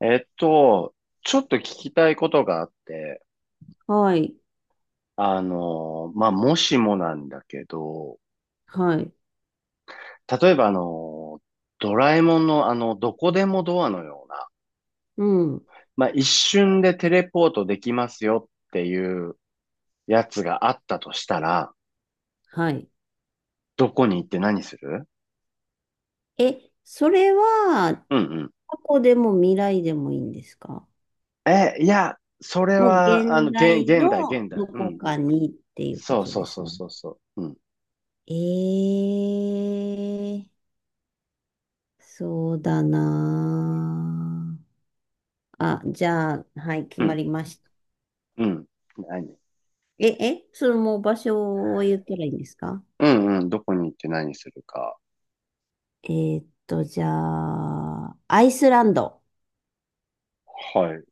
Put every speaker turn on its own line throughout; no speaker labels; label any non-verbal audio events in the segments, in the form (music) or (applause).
えっと、ちょっと聞きたいことがあって、
はい、
まあ、もしもなんだけど、
はい、
例えばドラえもんのどこでもドアのような、
うん、
まあ、一瞬でテレポートできますよっていうやつがあったとしたら、
はい。
どこに行って何する？
え、それは、
うん
過去でも未来でもいいんですか？
うん。え、いや、それ
もう
は、
現在
現代、
の
現代。
ど
うんう
こ
ん。
かにっていうこ
そう
と
そ
で
うそ
す
う
ね。
そうそう。うん、
ええ、そうだなあ。あ、じゃあ、はい、決
う
ま
ん、
りました。
うん。何？
え、え、それもう場所を言ったらいいんですか？
うんうん。どこに行って何するか。
じゃあ、アイスランド。
はい。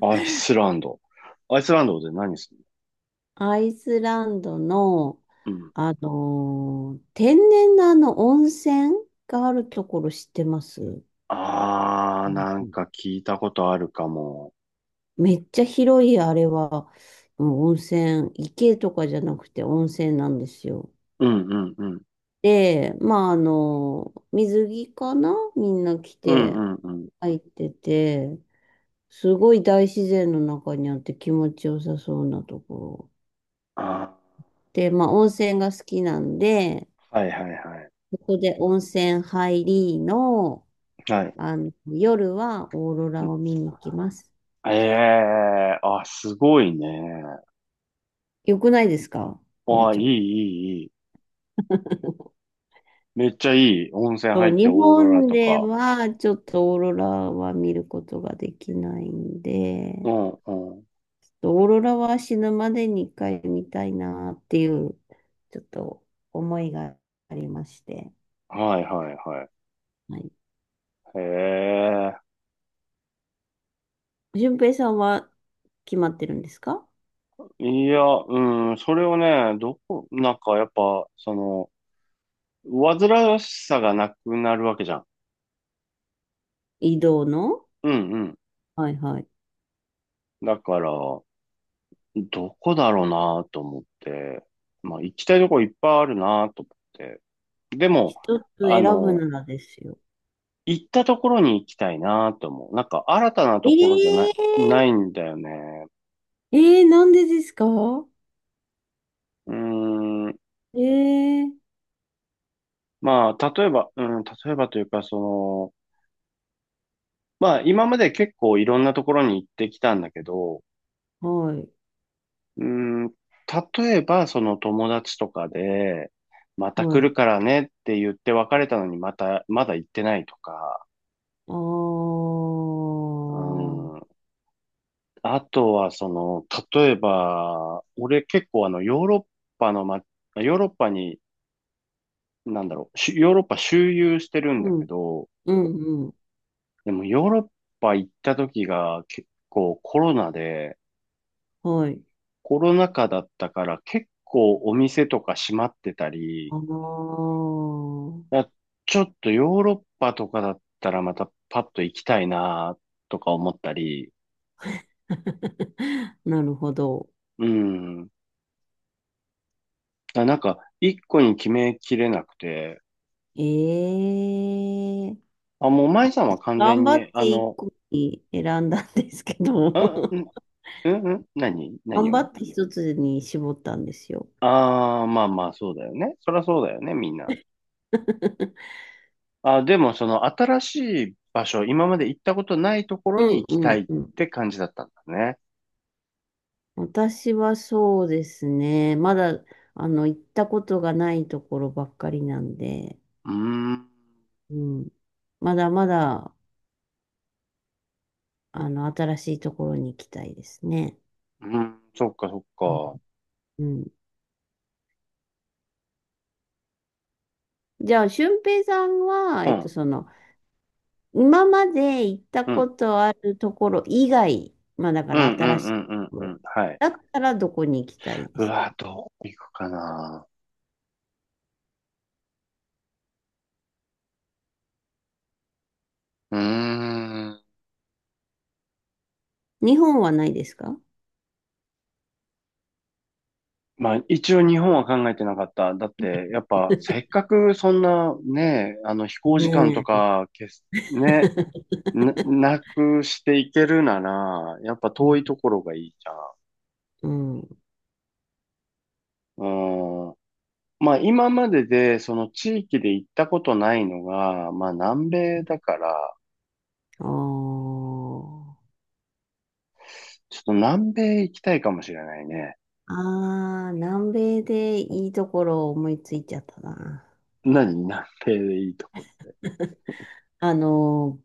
アイスランド。アイスランドで何する
アイスランドの、
の？うん。
天然の温泉があるところ知ってます？う
あー、
ん
なん
うん、
か聞いたことあるかも。
めっちゃ広い、あれは、うん、温泉、池とかじゃなくて温泉なんですよ。
うんうんうん。
で、まあ、水着かなみんな着
う
て
んうんうん。
入ってて、すごい大自然の中にあって気持ちよさそうなところ。
あ
で、まあ、温泉が好きなんで、
ー、はいはいはい。
そこで温泉入りの、
はい。
夜はオーロ
う
ラ
ん、
を見に行きます。
ええー、あ、すごいね。
よくないですか？これ
あ、い
ち
いい
ょっ
いいい。めっちゃいい。温泉入
と。
ってオ
日
ーロラ
本
と
で
か。
はちょっとオーロラは見ることができないん
う
で、
んうん。
ちょっとオーロラは死ぬまでに一回見たいなっていう、ちょっと思いがありまして。
はいはいはい。
はい。
へえ。
順平さんは決まってるんですか？
いや、うん、それをね、なんかやっぱ、その、煩わしさがなくなるわけじゃん。
移動の、
うんうん。
はいはい。
だから、どこだろうなと思って、まあ行きたいとこいっぱいあるなと思って。でも、
一つ
あ
選ぶ
の、
ならですよ。
行ったところに行きたいなと思う。なんか新たなと
え
ころじゃない、
え、
ないんだよね。
えー、なんでですか？
うーん。
えー、
まあ、例えば、うん、例えばというか、その、まあ今まで結構いろんなところに行ってきたんだけど、
はい、
うん、例えば、その友達とかで、また
は
来る
い。
からねって言って別れたのにまだ行ってないとか、
あ
う
ー、
ん、あとはその、例えば、俺結構パのま、ヨーロッパに、なんだろう、ヨーロッパ周遊してるん
う
だけ
ん、
ど、
うん、うん、
でもヨーロッパ行った時が結構コロナで、
はい。
コロナ禍だったから結構お店とか閉まってたり、
あー、
やちょっとヨーロッパとかだったらまたパッと行きたいなとか思ったり、
(laughs) なるほど。
うん。あ、なんか、一個に決めきれなくて、
えー、
あ、もう舞さんは完全
頑張っ
に、
て一個に選んだんですけど、
あ、ん、
(laughs)
ん、ん、何何
頑張
を
って一つに絞ったんですよ。
ああー、まあまあ、そうだよね。そりゃそうだよね、みんな。
(laughs)
あ、でも、その、新しい場所、今まで行ったことないところ
う
に
ん、
行き
う
たい
ん、
っ
うん。
て感じだったんだね。
私はそうですね。まだ、行ったことがないところばっかりなんで、
うーん、
うん。まだまだ、新しいところに行きたいですね。
うん、そっか、そっ
うん。
か。
じゃあ、俊平さんは、
うん、
今まで行った
う
こ
ん、
とあるところ以外、まあ、だか
うん、う
ら
ん、
新しい
うん、
と
う
こ
ん、う
ろ、
ん、はい。
だったらどこに行きたいで
う
す？
わ、どう行くかな。うーん。
日本はないですか？
まあ、一応日本は考えてなかった。だって、やっぱ、せ
(laughs)
っかくそんなね、あの飛行時間と
ね
か、けす
え。
ね、な、なくしていけるなら、やっぱ
う
遠
ん。
いところがいいじゃん。
(laughs) うん。
うーん。まあ、今までで、その地域で行ったことないのが、まあ、南米だから、
ああー。
ちょっと南米行きたいかもしれないね。
ああ、南米でいいところを思いついちゃったな。
何？南米でいいとこ？
あの、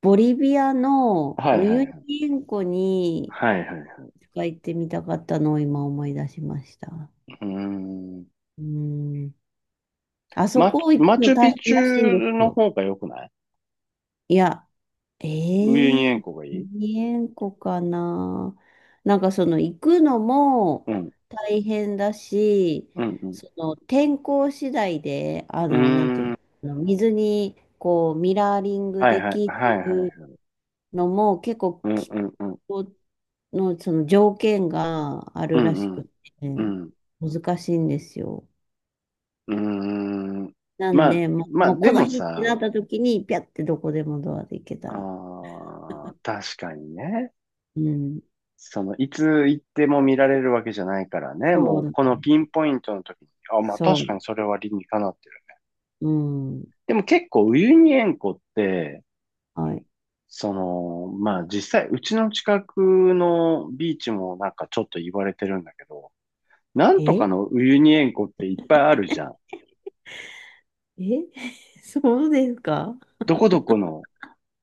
ボリビアの
はい
ウ
はい
ユニ
はい。
塩湖に
はいはいは
一回行ってみたかったのを今思い出しました。
い。うーん。
うん。あそこ行く
マチ
の
ュ
大
ピチ
変らしいんで
ュ
す
の
よ。
方が良くない？
いや、え
ウユニ
え、
塩湖がいい？
2円個かな。なんかその行くのも
うん、
大変だし、
うん、うん。
その天候次第で、
うー
なんていう
ん、
の、水にこうミラーリング
はい
で
はい、
き
はいは
る
い。
のも結構
うん、う
気
ん、うん、
候のその条件があ
う
るらし
ん、う
く
ん、
て、
うん。
難しいんですよ。
うーん。
なん
まあ、
で、も
ま
う、
あ、
もうこ
で
の
も
日ってなっ
さ、
た時に、ピャってどこでもドアで行けたら。
あー、確かにね。
うん。
その、いつ行っても見られるわけじゃないからね。
そ
も
う
う、
なんで
このピ
す
ン
よ。
ポイントの時に、あ、まあ
そ
確か
う、
にそれは理にかなってる。
うん。
でも結構、ウユニ塩湖って、
はい。
その、まあ実際、うちの近くのビーチもなんかちょっと言われてるんだけど、なんと
え
か
え、
のウユニ塩湖っていっぱいあるじゃん。
(laughs) そうですか？
どこどこの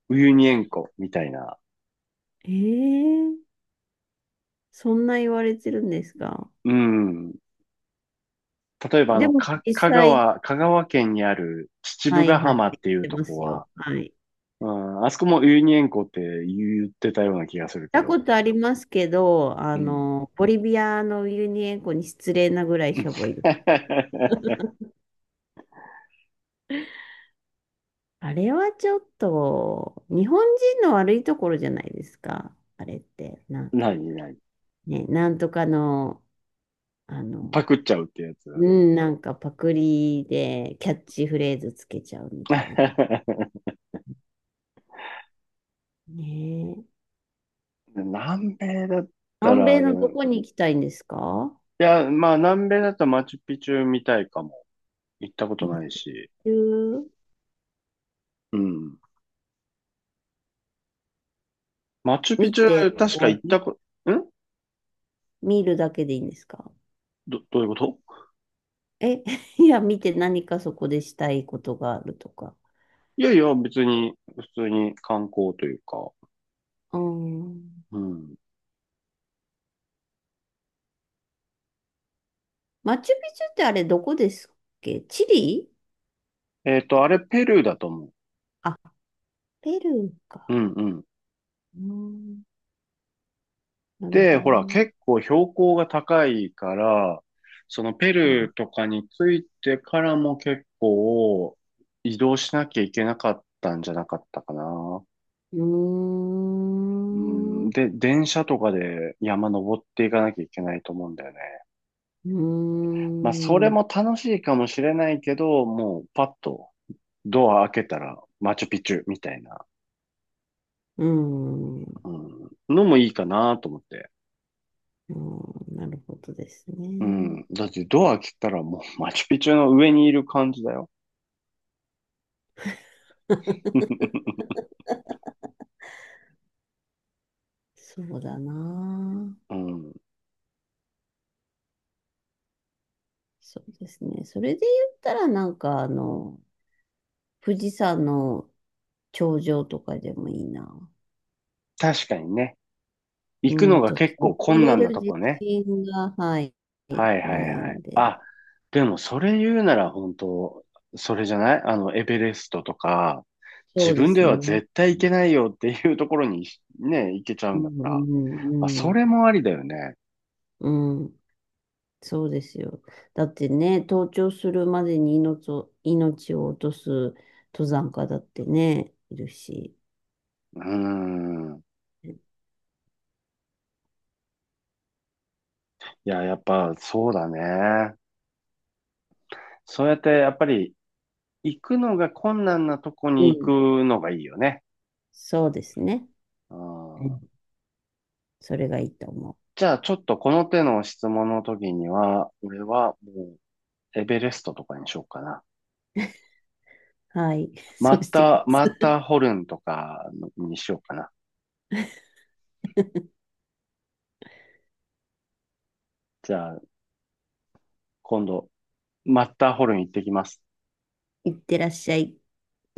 ウユニ塩湖みたいな。
ええ、そんな言われてるんですか？
うん。例えば
でも
か、
実
香
際、
川、香川県にある秩
は
父
い
ヶ
は
浜
い、知
っ
っ
ていう
て
と
ま
こ
すよ。
は、
はい。行っ
うん、あそこもウユニ塩湖って言ってたような気がするけ
たこ
ど。
とありますけど、
うん。
ボリビアのウユニ塩湖に失礼なぐらいしょぼいです。
(laughs)
あれはちょっと、日本人の悪いところじゃないですか。あれって、なんか、
何？
ね、なんとかの、あ
パ
の、
クっちゃうってやつ？
うん、なんかパクリでキャッチフレーズつけちゃうみたいな。
(laughs)
ねえ。
南米だった
南
ら、
米のど
ね。
こに行きたいんですか？
いや、まあ、南米だとマチュピチュみたいかも。行ったこと
マチュ
ない
ピチ
し。
ュ
うん。マチュピ
見
チュ、う
て
ん、確んか
終
行
わ
っ
り？
たこ、ん
見るだけでいいんですか？
ど、どういうこと？
え、(laughs) いや、見て何かそこでしたいことがあるとか。
いやいや、別に、普通に観光というか。
うん。
うん。
マチュピチュってあれどこですっけ？チリ？
あれ、ペルーだと思う。
あ、ペルー
う
か。
んうん。
うん、なる
で、
ほど。
ほら、
う
結構標高が高いから、そのペ
ん。
ルーとかについてからも結構移動しなきゃいけなかったんじゃなかったかな。
うー
う
ん。
ん、
う
で、電車とかで山登っていかなきゃいけないと思うんだよね。
ー
まあ、それも
ん。
楽しいかもしれないけど、もうパッとドア開けたらマチュピチュみたいな、
うん、う
うん、のもいいかなと思って。
ん、なるほどです
う
ね。
ん、だってドア開けたらもうマチュピチュの上にいる感じだよ。(laughs)
そうだな。
うん、
そうですね。それで言ったらなんかあの、富士山の頂上とかでもいいな。
確かにね。
う
行くの
ん、
が
ちょっと
結構困
登
難
れ
な
る
と
自
こね。
信が、はい、
はいはい
ない
はい。
んで。
あ、でもそれ言うなら本当、それじゃないエベレストとか、自
そうで
分
す
では
ね。
絶対行けないよっていうところにね、行けちゃう
う
んだから。まあ、
ん、う
そ
ん、
れもありだよね。
うん、うん、そうですよ。だってね、登頂するまでに命を、命を落とす登山家だってね、いるし。
うーん。いや、やっぱそうだね。そうやってやっぱり行くのが困難なとこに
うん。
行くのがいいよね。
そうですね。
う
うん、
ん。
それがいいと思
じゃあちょっとこの手の質問の時には、俺はもうエベレストとかにしようかな。
う。はい。(laughs) そうしてくださ
マッターホルンとかにしようかな。じゃあ、今度、マッターホルン行ってきます。
い。いってらっしゃい。